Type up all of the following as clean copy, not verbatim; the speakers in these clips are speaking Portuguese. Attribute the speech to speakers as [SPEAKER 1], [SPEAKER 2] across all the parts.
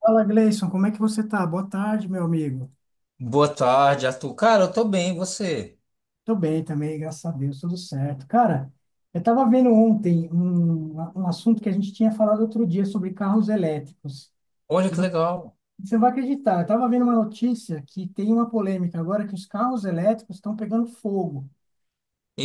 [SPEAKER 1] Fala, Gleison, como é que você tá? Boa tarde, meu amigo.
[SPEAKER 2] Boa tarde, Arthur. Cara, eu tô bem, e você?
[SPEAKER 1] Tô bem também, graças a Deus, tudo certo. Cara, eu tava vendo ontem um assunto que a gente tinha falado outro dia sobre carros elétricos.
[SPEAKER 2] Olha
[SPEAKER 1] E
[SPEAKER 2] que
[SPEAKER 1] vo-
[SPEAKER 2] legal.
[SPEAKER 1] Você não vai acreditar, eu tava vendo uma notícia que tem uma polêmica agora que os carros elétricos estão pegando fogo.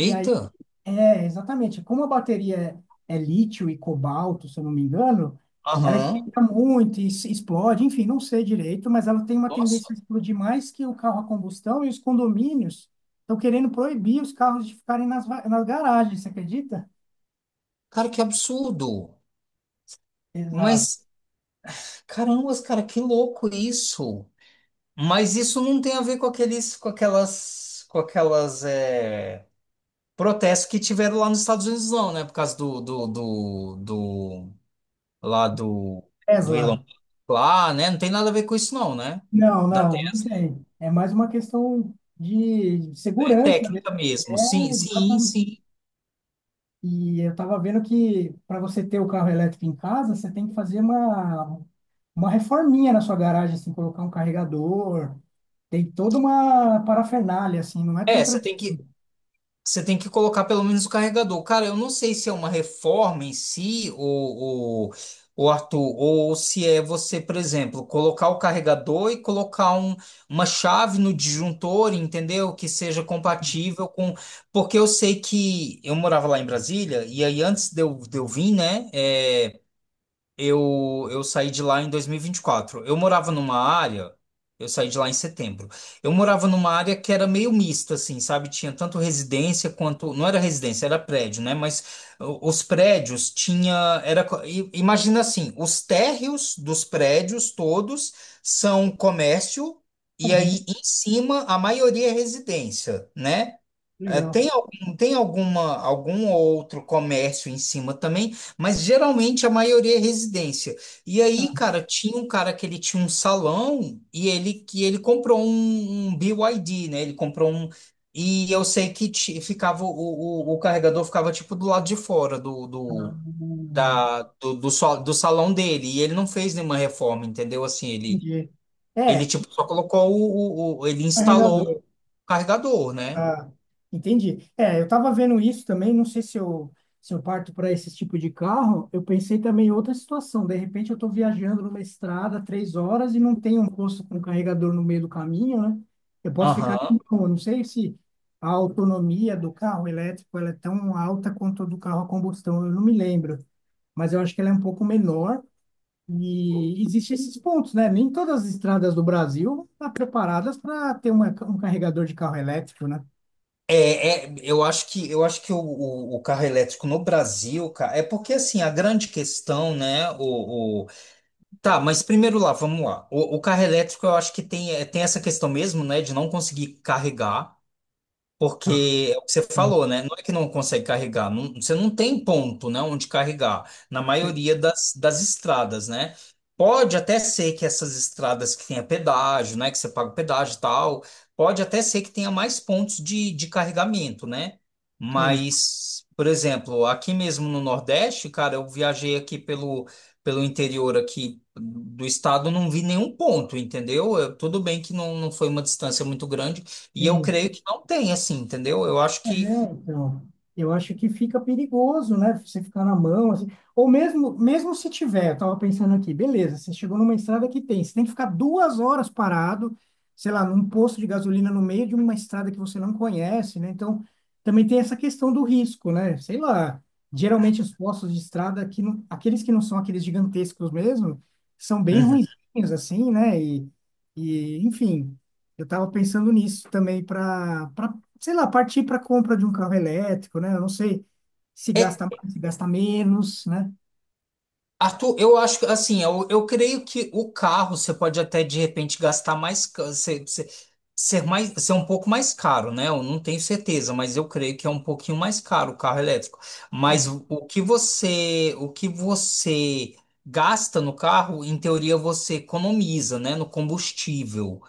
[SPEAKER 1] E aí. É, exatamente. Como a bateria é lítio e cobalto, se eu não me engano, ela
[SPEAKER 2] Aham.
[SPEAKER 1] esquenta muito e explode, enfim, não sei direito, mas ela tem uma
[SPEAKER 2] Nossa,
[SPEAKER 1] tendência a explodir mais que o carro a combustão e os condomínios estão querendo proibir os carros de ficarem nas garagens, você acredita?
[SPEAKER 2] cara, que absurdo.
[SPEAKER 1] Exato.
[SPEAKER 2] Mas, caramba, cara, que louco isso. Mas isso não tem a ver com aqueles protestos que tiveram lá nos Estados Unidos, não, né? Por causa lá do, do Elon
[SPEAKER 1] Tesla.
[SPEAKER 2] Musk lá, né? Não tem nada a ver com isso, não, né?
[SPEAKER 1] Não,
[SPEAKER 2] Da
[SPEAKER 1] não, não
[SPEAKER 2] Tesla.
[SPEAKER 1] tem. É mais uma questão de
[SPEAKER 2] É
[SPEAKER 1] segurança
[SPEAKER 2] técnica
[SPEAKER 1] mesmo.
[SPEAKER 2] mesmo. Sim,
[SPEAKER 1] É,
[SPEAKER 2] sim,
[SPEAKER 1] exatamente.
[SPEAKER 2] sim.
[SPEAKER 1] E eu estava vendo que para você ter o carro elétrico em casa, você tem que fazer uma reforminha na sua garagem, assim, colocar um carregador. Tem toda uma parafernália, assim, não é tão
[SPEAKER 2] É, você
[SPEAKER 1] tranquilo.
[SPEAKER 2] tem que. Você tem que colocar pelo menos o carregador. Cara, eu não sei se é uma reforma em si, ou, Arthur, ou se é você, por exemplo, colocar o carregador e colocar uma chave no disjuntor, entendeu? Que seja compatível com. Porque eu sei que eu morava lá em Brasília, e aí antes de eu vir, né? Eu saí de lá em dois mil e vinte e quatro. Eu morava numa área, eu saí de lá em setembro. Eu morava numa área que era meio mista, assim, sabe? Tinha tanto residência quanto. Não era residência, era prédio, né? Mas os prédios tinha. Imagina assim: os térreos dos prédios todos são comércio, e aí em cima a maioria é residência, né? É,
[SPEAKER 1] Legal.
[SPEAKER 2] Tem algum outro comércio em cima também, mas geralmente a maioria é residência. E aí,
[SPEAKER 1] Ah,
[SPEAKER 2] cara, tinha um cara que ele tinha um salão e ele comprou um BYD, né? Ele comprou um. E eu sei que o carregador ficava tipo do lado de fora do,
[SPEAKER 1] ah,
[SPEAKER 2] do, da, do, do, sal- do salão dele. E ele não fez nenhuma reforma, entendeu? Assim, ele,
[SPEAKER 1] entendi.
[SPEAKER 2] ele
[SPEAKER 1] É, e
[SPEAKER 2] tipo só colocou o- ele instalou o
[SPEAKER 1] carregador.
[SPEAKER 2] carregador, né?
[SPEAKER 1] Ah, entendi. É, eu tava vendo isso também, não sei se eu parto para esse tipo de carro, eu pensei também em outra situação. De repente eu estou viajando numa estrada 3 horas e não tem um posto com carregador no meio do caminho, né? Eu posso ficar
[SPEAKER 2] Aham.
[SPEAKER 1] com eu não sei se a autonomia do carro elétrico ela é tão alta quanto a do carro a combustão, eu não me lembro, mas eu acho que ela é um pouco menor. E existem esses pontos, né? Nem todas as estradas do Brasil estão preparadas para ter um carregador de carro elétrico, né?
[SPEAKER 2] Eu acho que eu acho que o carro elétrico no Brasil, cara, é porque assim a grande questão, né? Tá, mas primeiro lá, vamos lá. O carro elétrico, eu acho que tem essa questão mesmo, né, de não conseguir carregar. Porque é o que você
[SPEAKER 1] É,
[SPEAKER 2] falou, né? Não é que não consegue carregar, você não tem ponto, né, onde carregar, na
[SPEAKER 1] sim,
[SPEAKER 2] maioria das estradas, né? Pode até ser que essas estradas que tenha pedágio, né, que você paga o pedágio e tal, pode até ser que tenha mais pontos de carregamento, né?
[SPEAKER 1] sim,
[SPEAKER 2] Mas, por exemplo, aqui mesmo no Nordeste, cara, eu viajei aqui pelo interior aqui do estado, não vi nenhum ponto, entendeu? Tudo bem que não foi uma distância muito grande, e eu
[SPEAKER 1] sim.
[SPEAKER 2] creio que não tem, assim, entendeu? Eu acho
[SPEAKER 1] É,
[SPEAKER 2] que.
[SPEAKER 1] então, eu acho que fica perigoso, né? Você ficar na mão, assim. Ou mesmo se tiver, eu tava pensando aqui, beleza, você chegou numa estrada que tem, você tem que ficar 2 horas parado, sei lá, num posto de gasolina no meio de uma estrada que você não conhece, né? Então, também tem essa questão do risco, né? Sei lá, geralmente os postos de estrada, que não, aqueles que não são aqueles gigantescos mesmo, são bem
[SPEAKER 2] Uhum.
[SPEAKER 1] ruinzinhos, assim, né? E enfim, eu tava pensando nisso também para sei lá, partir para a compra de um carro elétrico, né? Eu não sei se
[SPEAKER 2] É,
[SPEAKER 1] gasta mais, se gasta menos, né?
[SPEAKER 2] Arthur, eu acho que, assim, eu creio que o carro você pode até, de repente, gastar mais. Ser um pouco mais caro, né? Eu não tenho certeza, mas eu creio que é um pouquinho mais caro o carro elétrico.
[SPEAKER 1] Bom,
[SPEAKER 2] O que você gasta no carro, em teoria, você economiza, né? No combustível.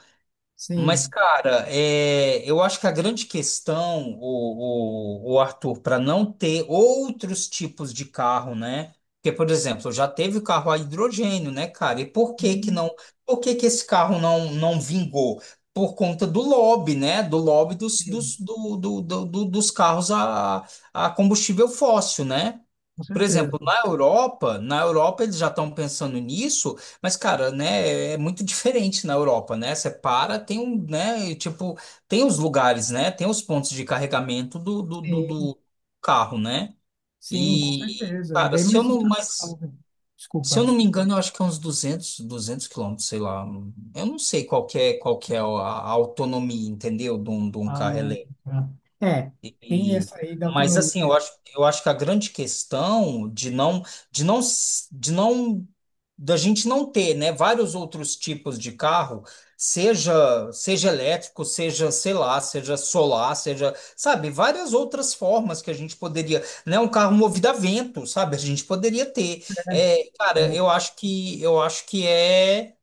[SPEAKER 2] Mas,
[SPEAKER 1] sim,
[SPEAKER 2] cara, eu acho que a grande questão, o Arthur, para não ter outros tipos de carro, né? Porque, por exemplo, já teve carro a hidrogênio, né, cara? E
[SPEAKER 1] sim,
[SPEAKER 2] por que que esse carro não vingou? Por conta do lobby, né? Do lobby dos,
[SPEAKER 1] sim,
[SPEAKER 2] dos, do, do, do- do- dos carros a combustível fóssil, né?
[SPEAKER 1] com
[SPEAKER 2] Por
[SPEAKER 1] certeza.
[SPEAKER 2] exemplo, na Europa, eles já estão pensando nisso, mas, cara, né, é muito diferente na Europa, né? Você para, tem um, né, e, tipo, tem os lugares, né? Tem os pontos de carregamento do, do, do,
[SPEAKER 1] Sim,
[SPEAKER 2] do carro, né?
[SPEAKER 1] sim, com
[SPEAKER 2] E,
[SPEAKER 1] certeza.
[SPEAKER 2] cara,
[SPEAKER 1] Bem mais estrutural, né?
[SPEAKER 2] se eu
[SPEAKER 1] Desculpa.
[SPEAKER 2] não me engano, eu acho que é uns 200 quilômetros, sei lá. Eu não sei qual que é a autonomia, entendeu? De um carro.
[SPEAKER 1] Ah, tá. É, tem
[SPEAKER 2] e,
[SPEAKER 1] essa aí da
[SPEAKER 2] mas
[SPEAKER 1] autonomia,
[SPEAKER 2] assim, eu acho que a grande questão de não, s- de não, da gente não ter, né, vários outros tipos de carro, seja, seja elétrico, seja, sei lá, seja solar, seja, sabe, várias outras formas que a gente poderia, né, um carro movido a vento, sabe, a gente poderia ter. É, cara,
[SPEAKER 1] né?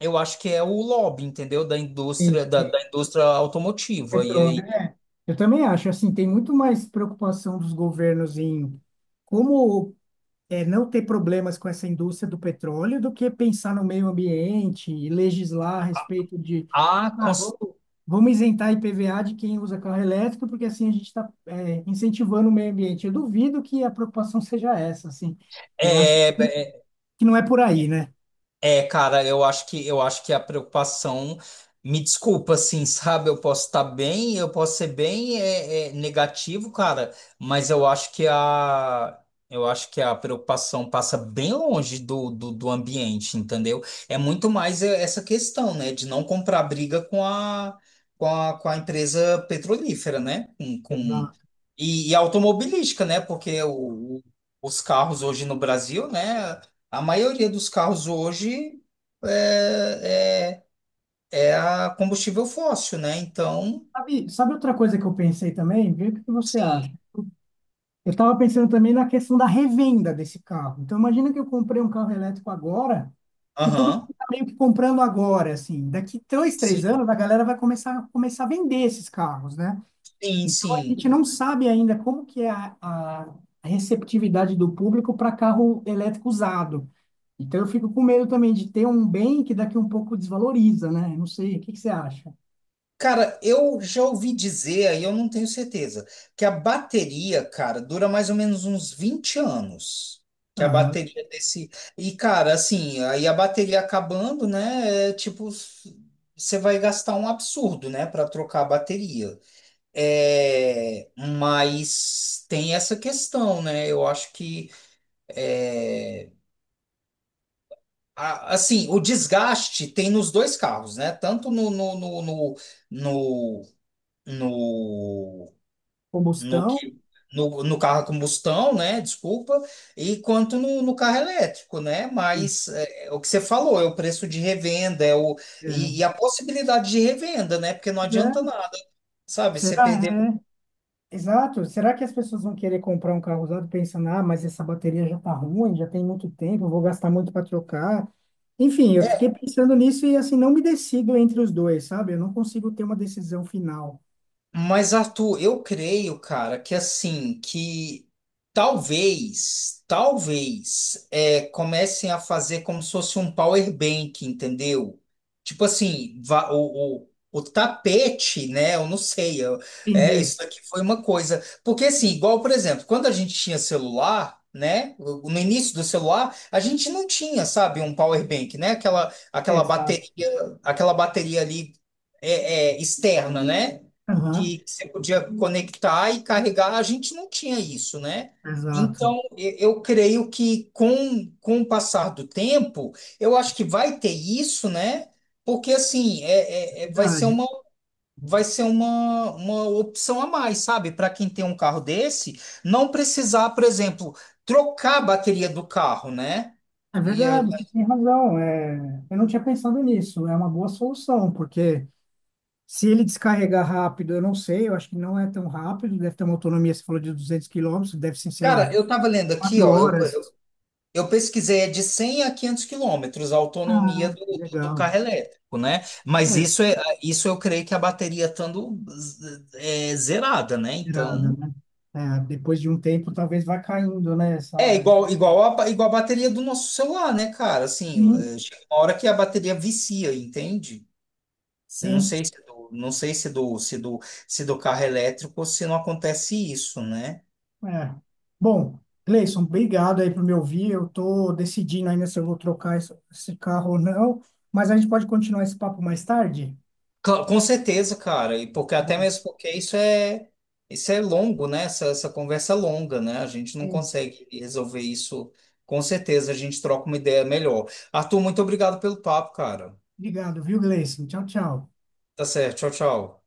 [SPEAKER 2] eu acho que é o lobby, entendeu, da
[SPEAKER 1] E
[SPEAKER 2] indústria, da indústria automotiva. E
[SPEAKER 1] petróleo,
[SPEAKER 2] aí,
[SPEAKER 1] né? Eu também acho, assim, tem muito mais preocupação dos governos em como é, não ter problemas com essa indústria do petróleo do que pensar no meio ambiente e legislar a respeito de,
[SPEAKER 2] ah, com
[SPEAKER 1] ah, vamos isentar IPVA de quem usa carro elétrico, porque assim a gente está, incentivando o meio ambiente. Eu duvido que a preocupação seja essa, assim. Eu acho
[SPEAKER 2] É, é,
[SPEAKER 1] que não é por aí, né?
[SPEAKER 2] cara, eu acho que a preocupação, me desculpa, assim, sabe? Eu posso estar bem, eu posso ser bem negativo, cara, mas eu acho que a preocupação passa bem longe do ambiente, entendeu? É muito mais essa questão, né, de não comprar briga com a empresa petrolífera, né? Com, com,
[SPEAKER 1] Exato.
[SPEAKER 2] e, e automobilística, né? Porque os carros hoje no Brasil, né? A maioria dos carros hoje é, é a combustível fóssil, né? Então,
[SPEAKER 1] Sabe, sabe outra coisa que eu pensei também? Vê o que você
[SPEAKER 2] sim,
[SPEAKER 1] acha. Eu estava pensando também na questão da revenda desse carro. Então, imagina que eu comprei um carro elétrico agora, e todo mundo
[SPEAKER 2] aham,
[SPEAKER 1] está meio que comprando agora, assim. Daqui dois, três
[SPEAKER 2] sim,
[SPEAKER 1] anos, a galera vai começar a vender esses carros, né?
[SPEAKER 2] sim,
[SPEAKER 1] Então, a
[SPEAKER 2] sim.
[SPEAKER 1] gente não sabe ainda como que é a receptividade do público para carro elétrico usado. Então, eu fico com medo também de ter um bem que daqui um pouco desvaloriza, né? Eu não sei, o que que você acha?
[SPEAKER 2] Cara, eu já ouvi dizer, aí eu não tenho certeza, que a bateria, cara, dura mais ou menos uns 20 anos. Que a
[SPEAKER 1] Aham.
[SPEAKER 2] bateria desse. E, cara, assim, aí a bateria acabando, né? É, tipo, você vai gastar um absurdo, né, para trocar a bateria. É, mas tem essa questão, né? Eu acho que é, Assim, o desgaste tem nos dois carros, né? Tanto no, no, no,
[SPEAKER 1] Combustão?
[SPEAKER 2] que- no carro a combustão, né? Desculpa, e quanto no carro elétrico, né? Mas é o que você falou, é o preço de revenda, e
[SPEAKER 1] É.
[SPEAKER 2] a possibilidade de revenda, né? Porque não
[SPEAKER 1] Pois
[SPEAKER 2] adianta
[SPEAKER 1] é.
[SPEAKER 2] nada, sabe? Você
[SPEAKER 1] Será?
[SPEAKER 2] perder.
[SPEAKER 1] É, exato. Será que as pessoas vão querer comprar um carro usado pensando, ah, mas essa bateria já tá ruim, já tem muito tempo, eu vou gastar muito para trocar? Enfim, eu fiquei pensando nisso e assim não me decido entre os dois, sabe? Eu não consigo ter uma decisão final.
[SPEAKER 2] Mas, Arthur, eu creio, cara, que assim, que talvez, comecem a fazer como se fosse um power bank, entendeu? Tipo assim, o tapete, né? Eu não sei,
[SPEAKER 1] Entendi.
[SPEAKER 2] isso aqui foi uma coisa. Porque assim, igual, por exemplo, quando a gente tinha celular, né? No início do celular, a gente não tinha, sabe, um power bank, né? Aquela
[SPEAKER 1] Exato.
[SPEAKER 2] bateria, aquela bateria ali externa, né?
[SPEAKER 1] Aham,
[SPEAKER 2] Que você podia conectar e carregar, a gente não tinha isso, né?
[SPEAKER 1] exato.
[SPEAKER 2] Então, eu creio que com o passar do tempo, eu acho que vai ter isso, né? Porque assim, vai ser
[SPEAKER 1] Verdade.
[SPEAKER 2] uma, vai ser uma, uma opção a mais, sabe? Para quem tem um carro desse, não precisar, por exemplo, trocar a bateria do carro, né?
[SPEAKER 1] É
[SPEAKER 2] E,
[SPEAKER 1] verdade, você tem razão. É, eu não tinha pensado nisso. É uma boa solução, porque se ele descarregar rápido, eu não sei, eu acho que não é tão rápido, deve ter uma autonomia, você falou de 200 quilômetros, deve ser, sei
[SPEAKER 2] cara,
[SPEAKER 1] lá,
[SPEAKER 2] eu tava lendo aqui,
[SPEAKER 1] quatro
[SPEAKER 2] ó,
[SPEAKER 1] horas.
[SPEAKER 2] Eu pesquisei, é de 100 a 500 quilômetros a autonomia
[SPEAKER 1] Ah, que
[SPEAKER 2] do
[SPEAKER 1] legal.
[SPEAKER 2] carro elétrico, né? Mas
[SPEAKER 1] É,
[SPEAKER 2] isso eu creio que a bateria estando zerada, né?
[SPEAKER 1] irada,
[SPEAKER 2] Então,
[SPEAKER 1] né? É, depois de um tempo, talvez vá caindo, né? Essa...
[SPEAKER 2] é igual a bateria do nosso celular, né, cara? Assim,
[SPEAKER 1] Sim,
[SPEAKER 2] chega uma hora que a bateria vicia, entende? Eu Não
[SPEAKER 1] sim.
[SPEAKER 2] sei se é do, não sei se é do carro elétrico, se não acontece isso, né?
[SPEAKER 1] É. Bom, Gleison, obrigado aí por me ouvir. Eu tô decidindo ainda se eu vou trocar esse carro ou não, mas a gente pode continuar esse papo mais tarde?
[SPEAKER 2] Com certeza, cara, e porque
[SPEAKER 1] Tá
[SPEAKER 2] até
[SPEAKER 1] bom.
[SPEAKER 2] mesmo porque isso é longo, né? Essa conversa é longa, né? A gente não
[SPEAKER 1] Sim.
[SPEAKER 2] consegue resolver isso. Com certeza, a gente troca uma ideia melhor. Arthur, muito obrigado pelo papo, cara.
[SPEAKER 1] Obrigado, viu, Gleison? Tchau, tchau.
[SPEAKER 2] Tá certo, tchau, tchau.